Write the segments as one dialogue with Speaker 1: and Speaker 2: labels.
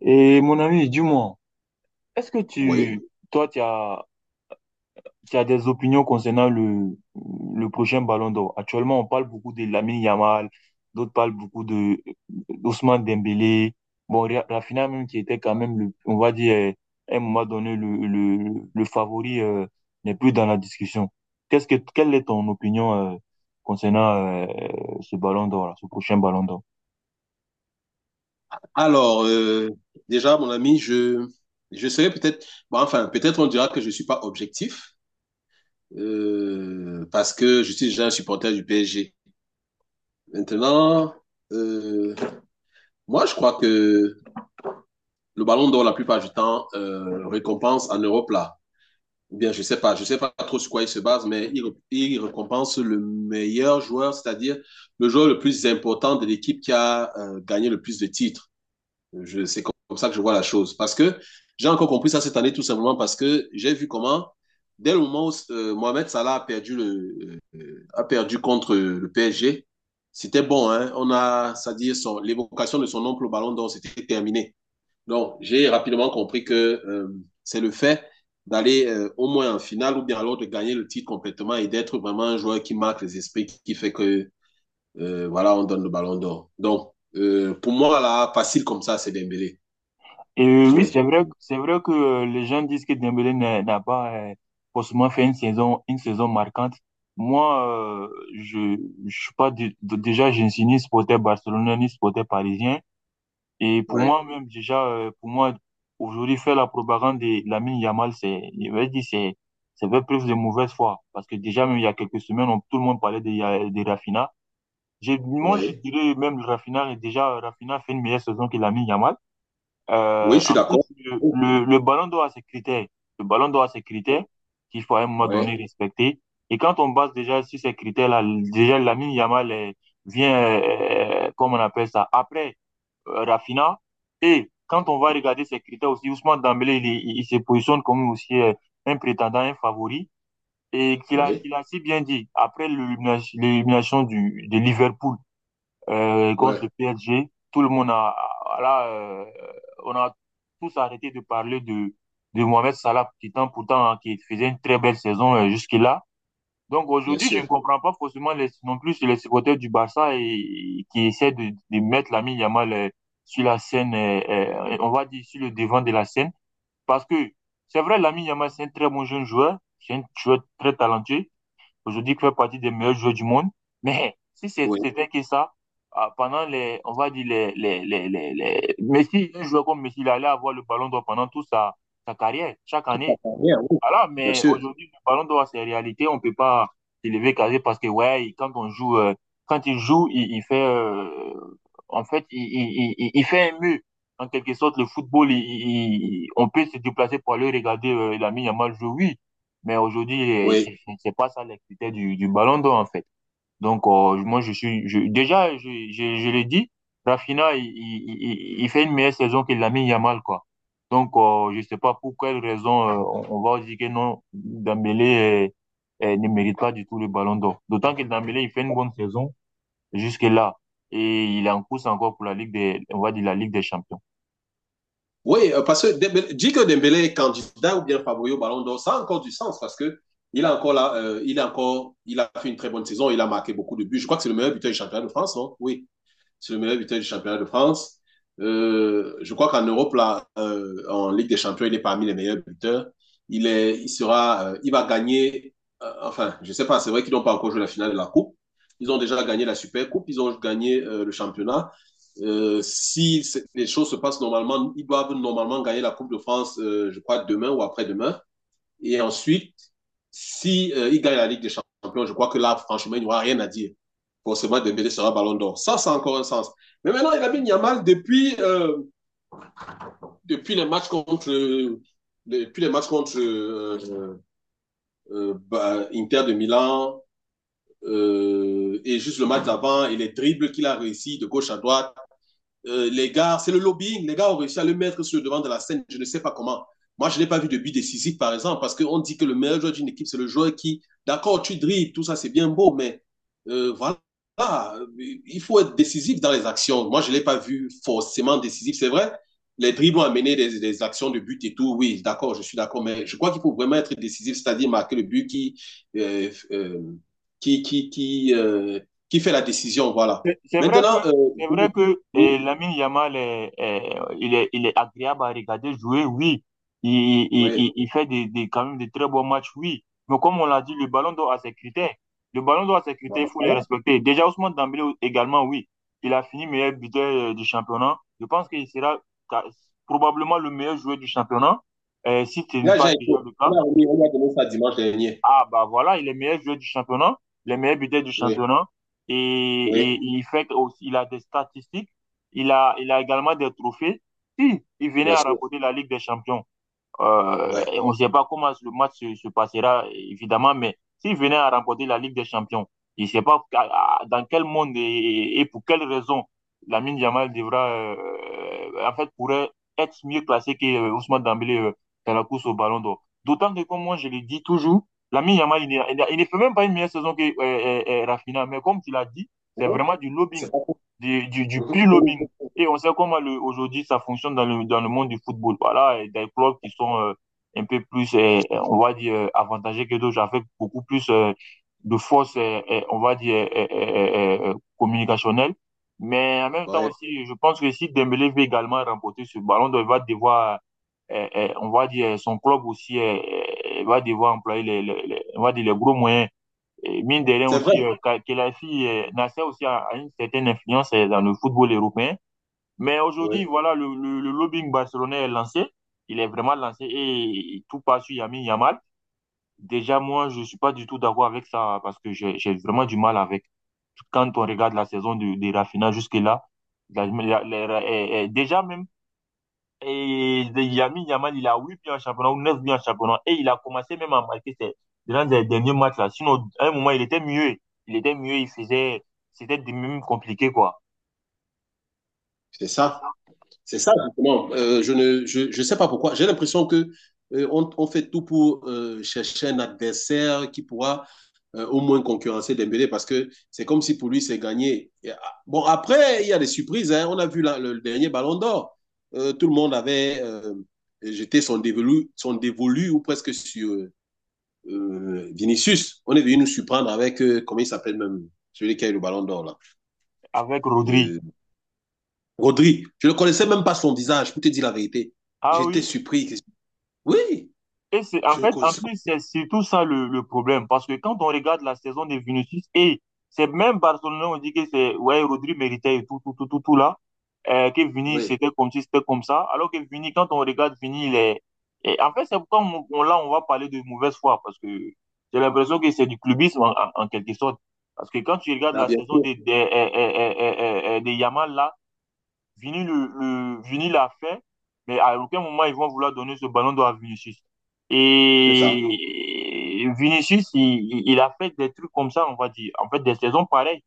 Speaker 1: Et mon ami, dis-moi, est-ce que
Speaker 2: Oui.
Speaker 1: toi, tu as des opinions concernant le prochain Ballon d'Or? Actuellement, on parle beaucoup de Lamine Yamal, d'autres parlent beaucoup de d'Ousmane Dembélé. Bon, Rafinha même qui était quand même, le, on va dire, à un moment donné, le favori n'est plus dans la discussion. Quelle est ton opinion concernant ce Ballon d'Or, là, ce prochain Ballon d'Or?
Speaker 2: Alors, déjà, mon ami, je serais peut-être, peut-être on dira que je suis pas objectif, parce que je suis déjà un supporter du PSG. Maintenant, euh, moi, je crois que le ballon d'or, la plupart du temps, récompense en Europe, là. Ou bien, je sais pas trop sur quoi il se base, il récompense le meilleur joueur, c'est-à-dire le joueur le plus important de l'équipe qui a gagné le plus de titres. C'est comme ça que je vois la chose. Parce que j'ai encore compris ça cette année, tout simplement parce que j'ai vu comment, dès le moment où Mohamed Salah a perdu, a perdu contre le PSG, c'était bon. Hein? C'est-à-dire, l'évocation de son oncle au ballon d'or, c'était terminé. Donc, j'ai rapidement compris que c'est le fait d'aller au moins en finale ou bien alors de gagner le titre complètement et d'être vraiment un joueur qui marque les esprits, qui fait que, voilà, on donne le ballon d'or. Donc, pour moi, là, facile comme ça, c'est Dembélé.
Speaker 1: Et oui,
Speaker 2: Oui,
Speaker 1: c'est vrai que les gens disent que Dembélé n'a pas forcément fait une saison marquante. Moi, je, je suis pas déjà, je ne suis ni supporter barcelonais ni supporter parisien. Et pour
Speaker 2: oui,
Speaker 1: moi même déjà, pour moi aujourd'hui faire la propagande de Lamine Yamal, c'est, je vais dire, c'est faire preuve de mauvaise foi. Parce que déjà même il y a quelques semaines, tout le monde parlait de Rafinha. Moi, je
Speaker 2: oui.
Speaker 1: dirais même Rafinha, déjà Rafinha fait une meilleure saison que Lamine Yamal.
Speaker 2: Oui,
Speaker 1: Euh,
Speaker 2: je suis
Speaker 1: en plus,
Speaker 2: d'accord.
Speaker 1: le,
Speaker 2: Oh,
Speaker 1: le, le ballon d'or a ses critères. Le ballon d'or a ses critères qu'il faut à un moment
Speaker 2: oui,
Speaker 1: donné respecter. Et quand on base déjà sur ces critères-là, déjà Lamine Yamal vient, comme on appelle ça, après Rafinha. Et quand on va regarder ces critères aussi, Ousmane Dembélé, il se positionne comme aussi un prétendant, un favori. Et qu'il a,
Speaker 2: oui,
Speaker 1: qu'il a si bien dit, après l'élimination de Liverpool,
Speaker 2: oui,
Speaker 1: contre le PSG. Tout le monde a, là, on a tous arrêté de parler de Mohamed Salah, qui temps pourtant hein, qui faisait une très belle saison jusque-là. Donc
Speaker 2: bien
Speaker 1: aujourd'hui, je ne
Speaker 2: sûr.
Speaker 1: comprends pas forcément les, non plus les supporters du Barça et qui essaient de mettre l'ami Yamal sur la scène, on va dire sur le devant de la scène, parce que c'est vrai, l'ami Yamal, c'est un très bon jeune joueur, c'est un joueur très talentueux, aujourd'hui fait partie des meilleurs joueurs du monde. Mais si
Speaker 2: Oui,
Speaker 1: c'était que ça, ah, pendant les, on va dire les Messi, un joueur comme Messi, il allait avoir le ballon d'or pendant toute sa carrière, chaque
Speaker 2: tout à
Speaker 1: année.
Speaker 2: fait. Bien, oui,
Speaker 1: Voilà,
Speaker 2: bien
Speaker 1: mais
Speaker 2: sûr.
Speaker 1: aujourd'hui, le ballon d'or, c'est réalité. On peut pas s'élever carré parce que, ouais, quand il joue, il fait, en fait, il fait un mur. En quelque sorte, le football, on peut se déplacer pour aller regarder Lamine Yamal jouer, oui. Mais aujourd'hui,
Speaker 2: Oui,
Speaker 1: c'est pas ça l'activité du ballon d'or, en fait. Donc, moi, déjà, je l'ai dit, Rafinha, il fait une meilleure saison que Lamine Yamal, quoi. Donc, je sais pas pour quelle raison on va dire que non, Dembélé ne mérite pas du tout le ballon d'or. D'autant que Dembélé, il fait une bonne saison jusque-là. Et il est en course encore pour la Ligue des, on va dire la Ligue des Champions.
Speaker 2: oui, parce que Dembélé, dit que Dembélé est candidat ou bien favori au Ballon d'Or, ça a encore du sens parce que il a encore là, il a encore, il a fait une très bonne saison, il a marqué beaucoup de buts. Je crois que c'est le meilleur buteur du championnat de France, non? Oui, c'est le meilleur buteur du championnat de France. Je crois qu'en Europe, là, en Ligue des Champions, il est parmi les meilleurs buteurs. Il, est, il, sera, Il va gagner, je ne sais pas, c'est vrai qu'ils n'ont pas encore joué la finale de la Coupe. Ils ont déjà gagné la Super Coupe, ils ont gagné le championnat. Si les choses se passent normalement, ils doivent normalement gagner la Coupe de France, je crois, demain ou après-demain. Et ensuite, si il gagne la Ligue des Champions, je crois que là, franchement, il n'y aura rien à dire. Forcément, Dembélé sera Ballon d'Or. Ça a encore un sens. Mais maintenant, il a mis Niamal depuis, depuis les matchs contre, euh, depuis les matchs contre Inter de Milan et juste le match d'avant et les dribbles qu'il a réussi de gauche à droite, les gars, c'est le lobbying. Les gars ont réussi à le mettre sur le devant de la scène. Je ne sais pas comment. Moi, je n'ai pas vu de but décisif, par exemple, parce qu'on dit que le meilleur joueur d'une équipe, c'est le joueur qui, d'accord, tu dribbles, tout ça, c'est bien beau, mais voilà, il faut être décisif dans les actions. Moi, je ne l'ai pas vu forcément décisif, c'est vrai. Les dribbles ont amené des actions de but et tout, oui, d'accord, je suis d'accord, mais je crois qu'il faut vraiment être décisif, c'est-à-dire marquer le but qui, euh, euh, qui, qui, qui, euh, qui fait la décision, voilà.
Speaker 1: C'est c'est vrai que
Speaker 2: Maintenant,
Speaker 1: c'est vrai que
Speaker 2: oui.
Speaker 1: Lamine Yamal est, est- il est il est agréable à regarder jouer, oui. Il, il,
Speaker 2: Oui,
Speaker 1: il, il fait des, quand même des très bons matchs, oui. Mais comme on l'a dit, le ballon d'or a ses critères. Le ballon d'or a ses
Speaker 2: bon,
Speaker 1: critères, il
Speaker 2: ben,
Speaker 1: faut les
Speaker 2: voilà.
Speaker 1: respecter. Déjà Ousmane Dembélé également, oui. Il a fini meilleur buteur du championnat. Je pense qu'il sera ca- probablement le meilleur joueur du championnat, si ce n'est
Speaker 2: Là,
Speaker 1: pas
Speaker 2: j'ai été.
Speaker 1: déjà le cas.
Speaker 2: On a remis, on a donné ça dimanche dernier.
Speaker 1: Ah, bah voilà, il est meilleur joueur du championnat, le meilleur buteur du
Speaker 2: Oui,
Speaker 1: championnat. Et,
Speaker 2: oui,
Speaker 1: et il fait aussi, il a des statistiques, il a également des trophées. Si il venait
Speaker 2: bien
Speaker 1: à
Speaker 2: sûr.
Speaker 1: remporter la Ligue des Champions,
Speaker 2: Ouais.
Speaker 1: et on ne sait pas comment le match se passera, évidemment, mais s'il venait à remporter la Ligue des Champions, je ne sais pas dans quel monde et pour quelle raison Lamine Yamal devra, en fait, pourrait être mieux classé que Ousmane Dembélé dans la course au Ballon d'Or. D'autant que, comme moi, je le dis toujours, Lamine Yamal, il, n'est- il n'a- il ne fait même pas une meilleure saison que Rafinha, mais comme tu l'as dit, c'est
Speaker 2: Ouais.
Speaker 1: vraiment du lobbying,
Speaker 2: C'est pas faux.
Speaker 1: du
Speaker 2: Mhm.
Speaker 1: pur lobbying. Et on sait comment aujourd'hui ça fonctionne dans le monde du football. Voilà, et des clubs qui sont un peu plus,
Speaker 2: C'est
Speaker 1: on va dire, avantagés que d'autres, avec beaucoup plus de force, on va dire, communicationnelle. Mais en même temps
Speaker 2: ouais.
Speaker 1: aussi, je pense que si Dembélé veut également remporter ce ballon d'or, il va devoir, on va dire, son club aussi va devoir employer les, on va dire, les gros moyens. Et mine de rien
Speaker 2: C'est vrai.
Speaker 1: aussi, Khelaifi, Nasser aussi a une certaine influence dans le football européen. Mais aujourd'hui,
Speaker 2: Oui,
Speaker 1: voilà, le lobbying barcelonais est lancé. Il est vraiment lancé et tout passe sur Yamin Yamal. Déjà, moi, je ne suis pas du tout d'accord avec ça parce que j'ai vraiment du mal avec. Quand on regarde la saison de Rafinha jusque-là, déjà même, et Yamin Yamal, il a 8 buts en championnat ou 9 buts en championnat et il a commencé même à marquer ses, dans les derniers matchs là. Sinon, à un moment, il était mieux. Il était mieux, il faisait, c'était même compliqué quoi.
Speaker 2: c'est
Speaker 1: C'est ça.
Speaker 2: ça. C'est ça, justement. Je ne je, je sais pas pourquoi. J'ai l'impression que on fait tout pour chercher un adversaire qui pourra au moins concurrencer Dembélé parce que c'est comme si pour lui c'est gagné. Bon, après, il y a des surprises. Hein. On a vu la, le dernier ballon d'or. Tout le monde avait jeté son dévolu ou presque sur Vinicius. On est venu nous surprendre avec, comment il s'appelle même, celui qui a eu le ballon d'or là.
Speaker 1: Avec Rodri.
Speaker 2: Euh, Rodri. Je ne connaissais même pas son visage, pour te dire la vérité.
Speaker 1: Ah
Speaker 2: J'étais
Speaker 1: oui?
Speaker 2: surpris. Oui,
Speaker 1: Et c'est en
Speaker 2: je le
Speaker 1: fait, en
Speaker 2: connaissais.
Speaker 1: plus, c'est surtout ça le problème. Parce que quand on regarde la saison de Vinicius, et c'est même Barcelone, on dit que c'est, ouais, Rodri méritait et tout, tout, tout, tout, tout là. Que Vini,
Speaker 2: Oui,
Speaker 1: c'était comme si c'était comme ça. Alors que Vini, quand on regarde Vini, il est. Et en fait, c'est pourquoi là, on va parler de mauvaise foi. Parce que j'ai l'impression que c'est du clubisme en quelque sorte. Parce que quand tu regardes
Speaker 2: là,
Speaker 1: la
Speaker 2: bien
Speaker 1: saison
Speaker 2: sûr,
Speaker 1: de Yamal là, Vini l'a fait, mais à aucun moment ils vont vouloir donner ce ballon d'or à Vinicius.
Speaker 2: c'est ça.
Speaker 1: Et Vinicius, il a fait des trucs comme ça, on va dire. En fait, des saisons pareilles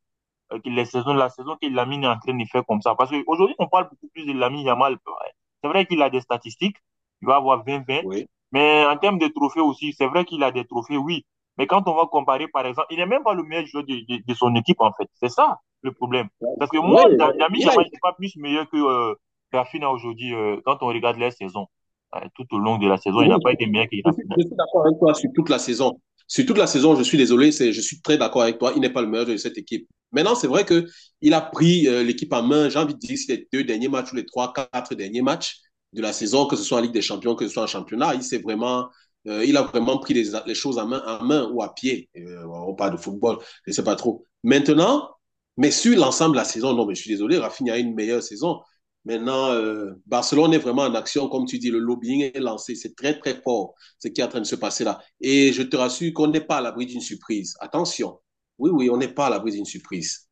Speaker 1: que les saisons, la saison que Lamine est en train de faire comme ça. Parce qu'aujourd'hui, on parle beaucoup plus de Lamine Yamal. Ouais. C'est vrai qu'il a des statistiques, il va avoir 20-20,
Speaker 2: Oui.
Speaker 1: mais en termes de trophées aussi, c'est vrai qu'il a des trophées, oui. Mais quand on va comparer, par exemple, il n'est même pas le meilleur joueur de son équipe, en fait. C'est ça le problème. Parce que
Speaker 2: Oui,
Speaker 1: moi, Lamine
Speaker 2: il a,
Speaker 1: Yamal n'est pas plus meilleur que Rafinha aujourd'hui quand on regarde les saisons. Tout au long de la saison, il n'a
Speaker 2: oui,
Speaker 1: pas été meilleur qu'il est en finale.
Speaker 2: je suis d'accord avec toi sur toute la saison. Sur toute la saison, je suis désolé, c'est, je suis très d'accord avec toi. Il n'est pas le meilleur de cette équipe. Maintenant, c'est vrai que il a pris l'équipe en main. J'ai envie de dire, c'est les deux derniers matchs ou les trois, quatre derniers matchs de la saison, que ce soit en Ligue des Champions, que ce soit en championnat, il s'est vraiment, il a vraiment pris les choses en main ou à pied. On parle de football, je ne sais pas trop. Maintenant, mais sur l'ensemble de la saison, non, mais je suis désolé, Rafinha a une meilleure saison. Maintenant, Barcelone est vraiment en action, comme tu dis, le lobbying est lancé, c'est très très fort ce qui est en train de se passer là. Et je te rassure qu'on n'est pas à l'abri d'une surprise. Attention, oui, oui, on n'est pas à l'abri d'une surprise.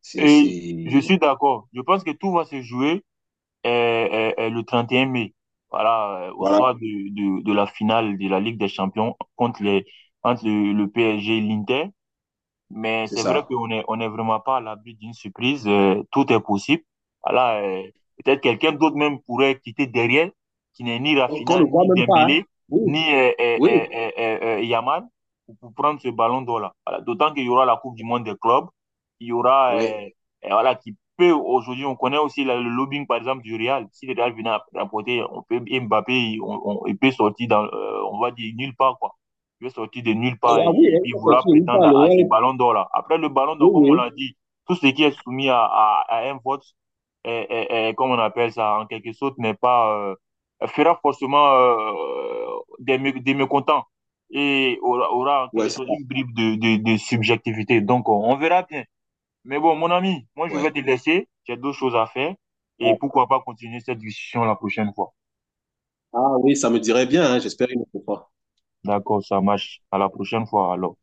Speaker 2: C'est,
Speaker 1: Et je
Speaker 2: c'est,
Speaker 1: suis d'accord. Je pense que tout va se jouer le 31 mai. Voilà, au
Speaker 2: voilà,
Speaker 1: soir de la finale de la Ligue des Champions entre le PSG et l'Inter. Mais
Speaker 2: c'est
Speaker 1: c'est vrai
Speaker 2: ça.
Speaker 1: qu'on est vraiment pas à l'abri d'une surprise. Tout est possible. Voilà, peut-être quelqu'un d'autre même pourrait quitter derrière, qui n'est ni
Speaker 2: Qu'on
Speaker 1: Rafinha,
Speaker 2: ne voit
Speaker 1: ni
Speaker 2: même pas, hein.
Speaker 1: Dembélé, ni
Speaker 2: Oui, oui,
Speaker 1: Yamal, pour prendre ce ballon d'or-là. Voilà, d'autant qu'il y aura la Coupe du Monde des clubs. Il y aura,
Speaker 2: oui.
Speaker 1: voilà, qui peut aujourd'hui, on connaît aussi le lobbying, par exemple, du Real. Si le Real venait à rapporter, on peut, Mbappé, il peut sortir on va dire, nulle part, quoi il est sorti de nulle
Speaker 2: Ah
Speaker 1: part et,
Speaker 2: oui,
Speaker 1: et
Speaker 2: elle
Speaker 1: puis
Speaker 2: est
Speaker 1: vouloir
Speaker 2: sortie, elle
Speaker 1: prétendre
Speaker 2: parle,
Speaker 1: à, ces
Speaker 2: elle-
Speaker 1: ballons d'or là. Après le ballon
Speaker 2: oui,
Speaker 1: d'or, comme on
Speaker 2: oui.
Speaker 1: l'a dit, tout ce qui est soumis à un vote, comme on appelle ça, en quelque sorte, n'est pas, fera forcément des, mécontents et aura en
Speaker 2: Ouais,
Speaker 1: quelque
Speaker 2: c'est
Speaker 1: sorte
Speaker 2: ça,
Speaker 1: une bribe de subjectivité. Donc, on verra bien. Mais bon, mon ami, moi, je vais
Speaker 2: ouais.
Speaker 1: te laisser. J'ai d'autres choses à faire. Et pourquoi pas continuer cette discussion la prochaine fois.
Speaker 2: Ah oui, ça me dirait bien, hein, j'espère une autre fois.
Speaker 1: D'accord, ça marche. À la prochaine fois, alors.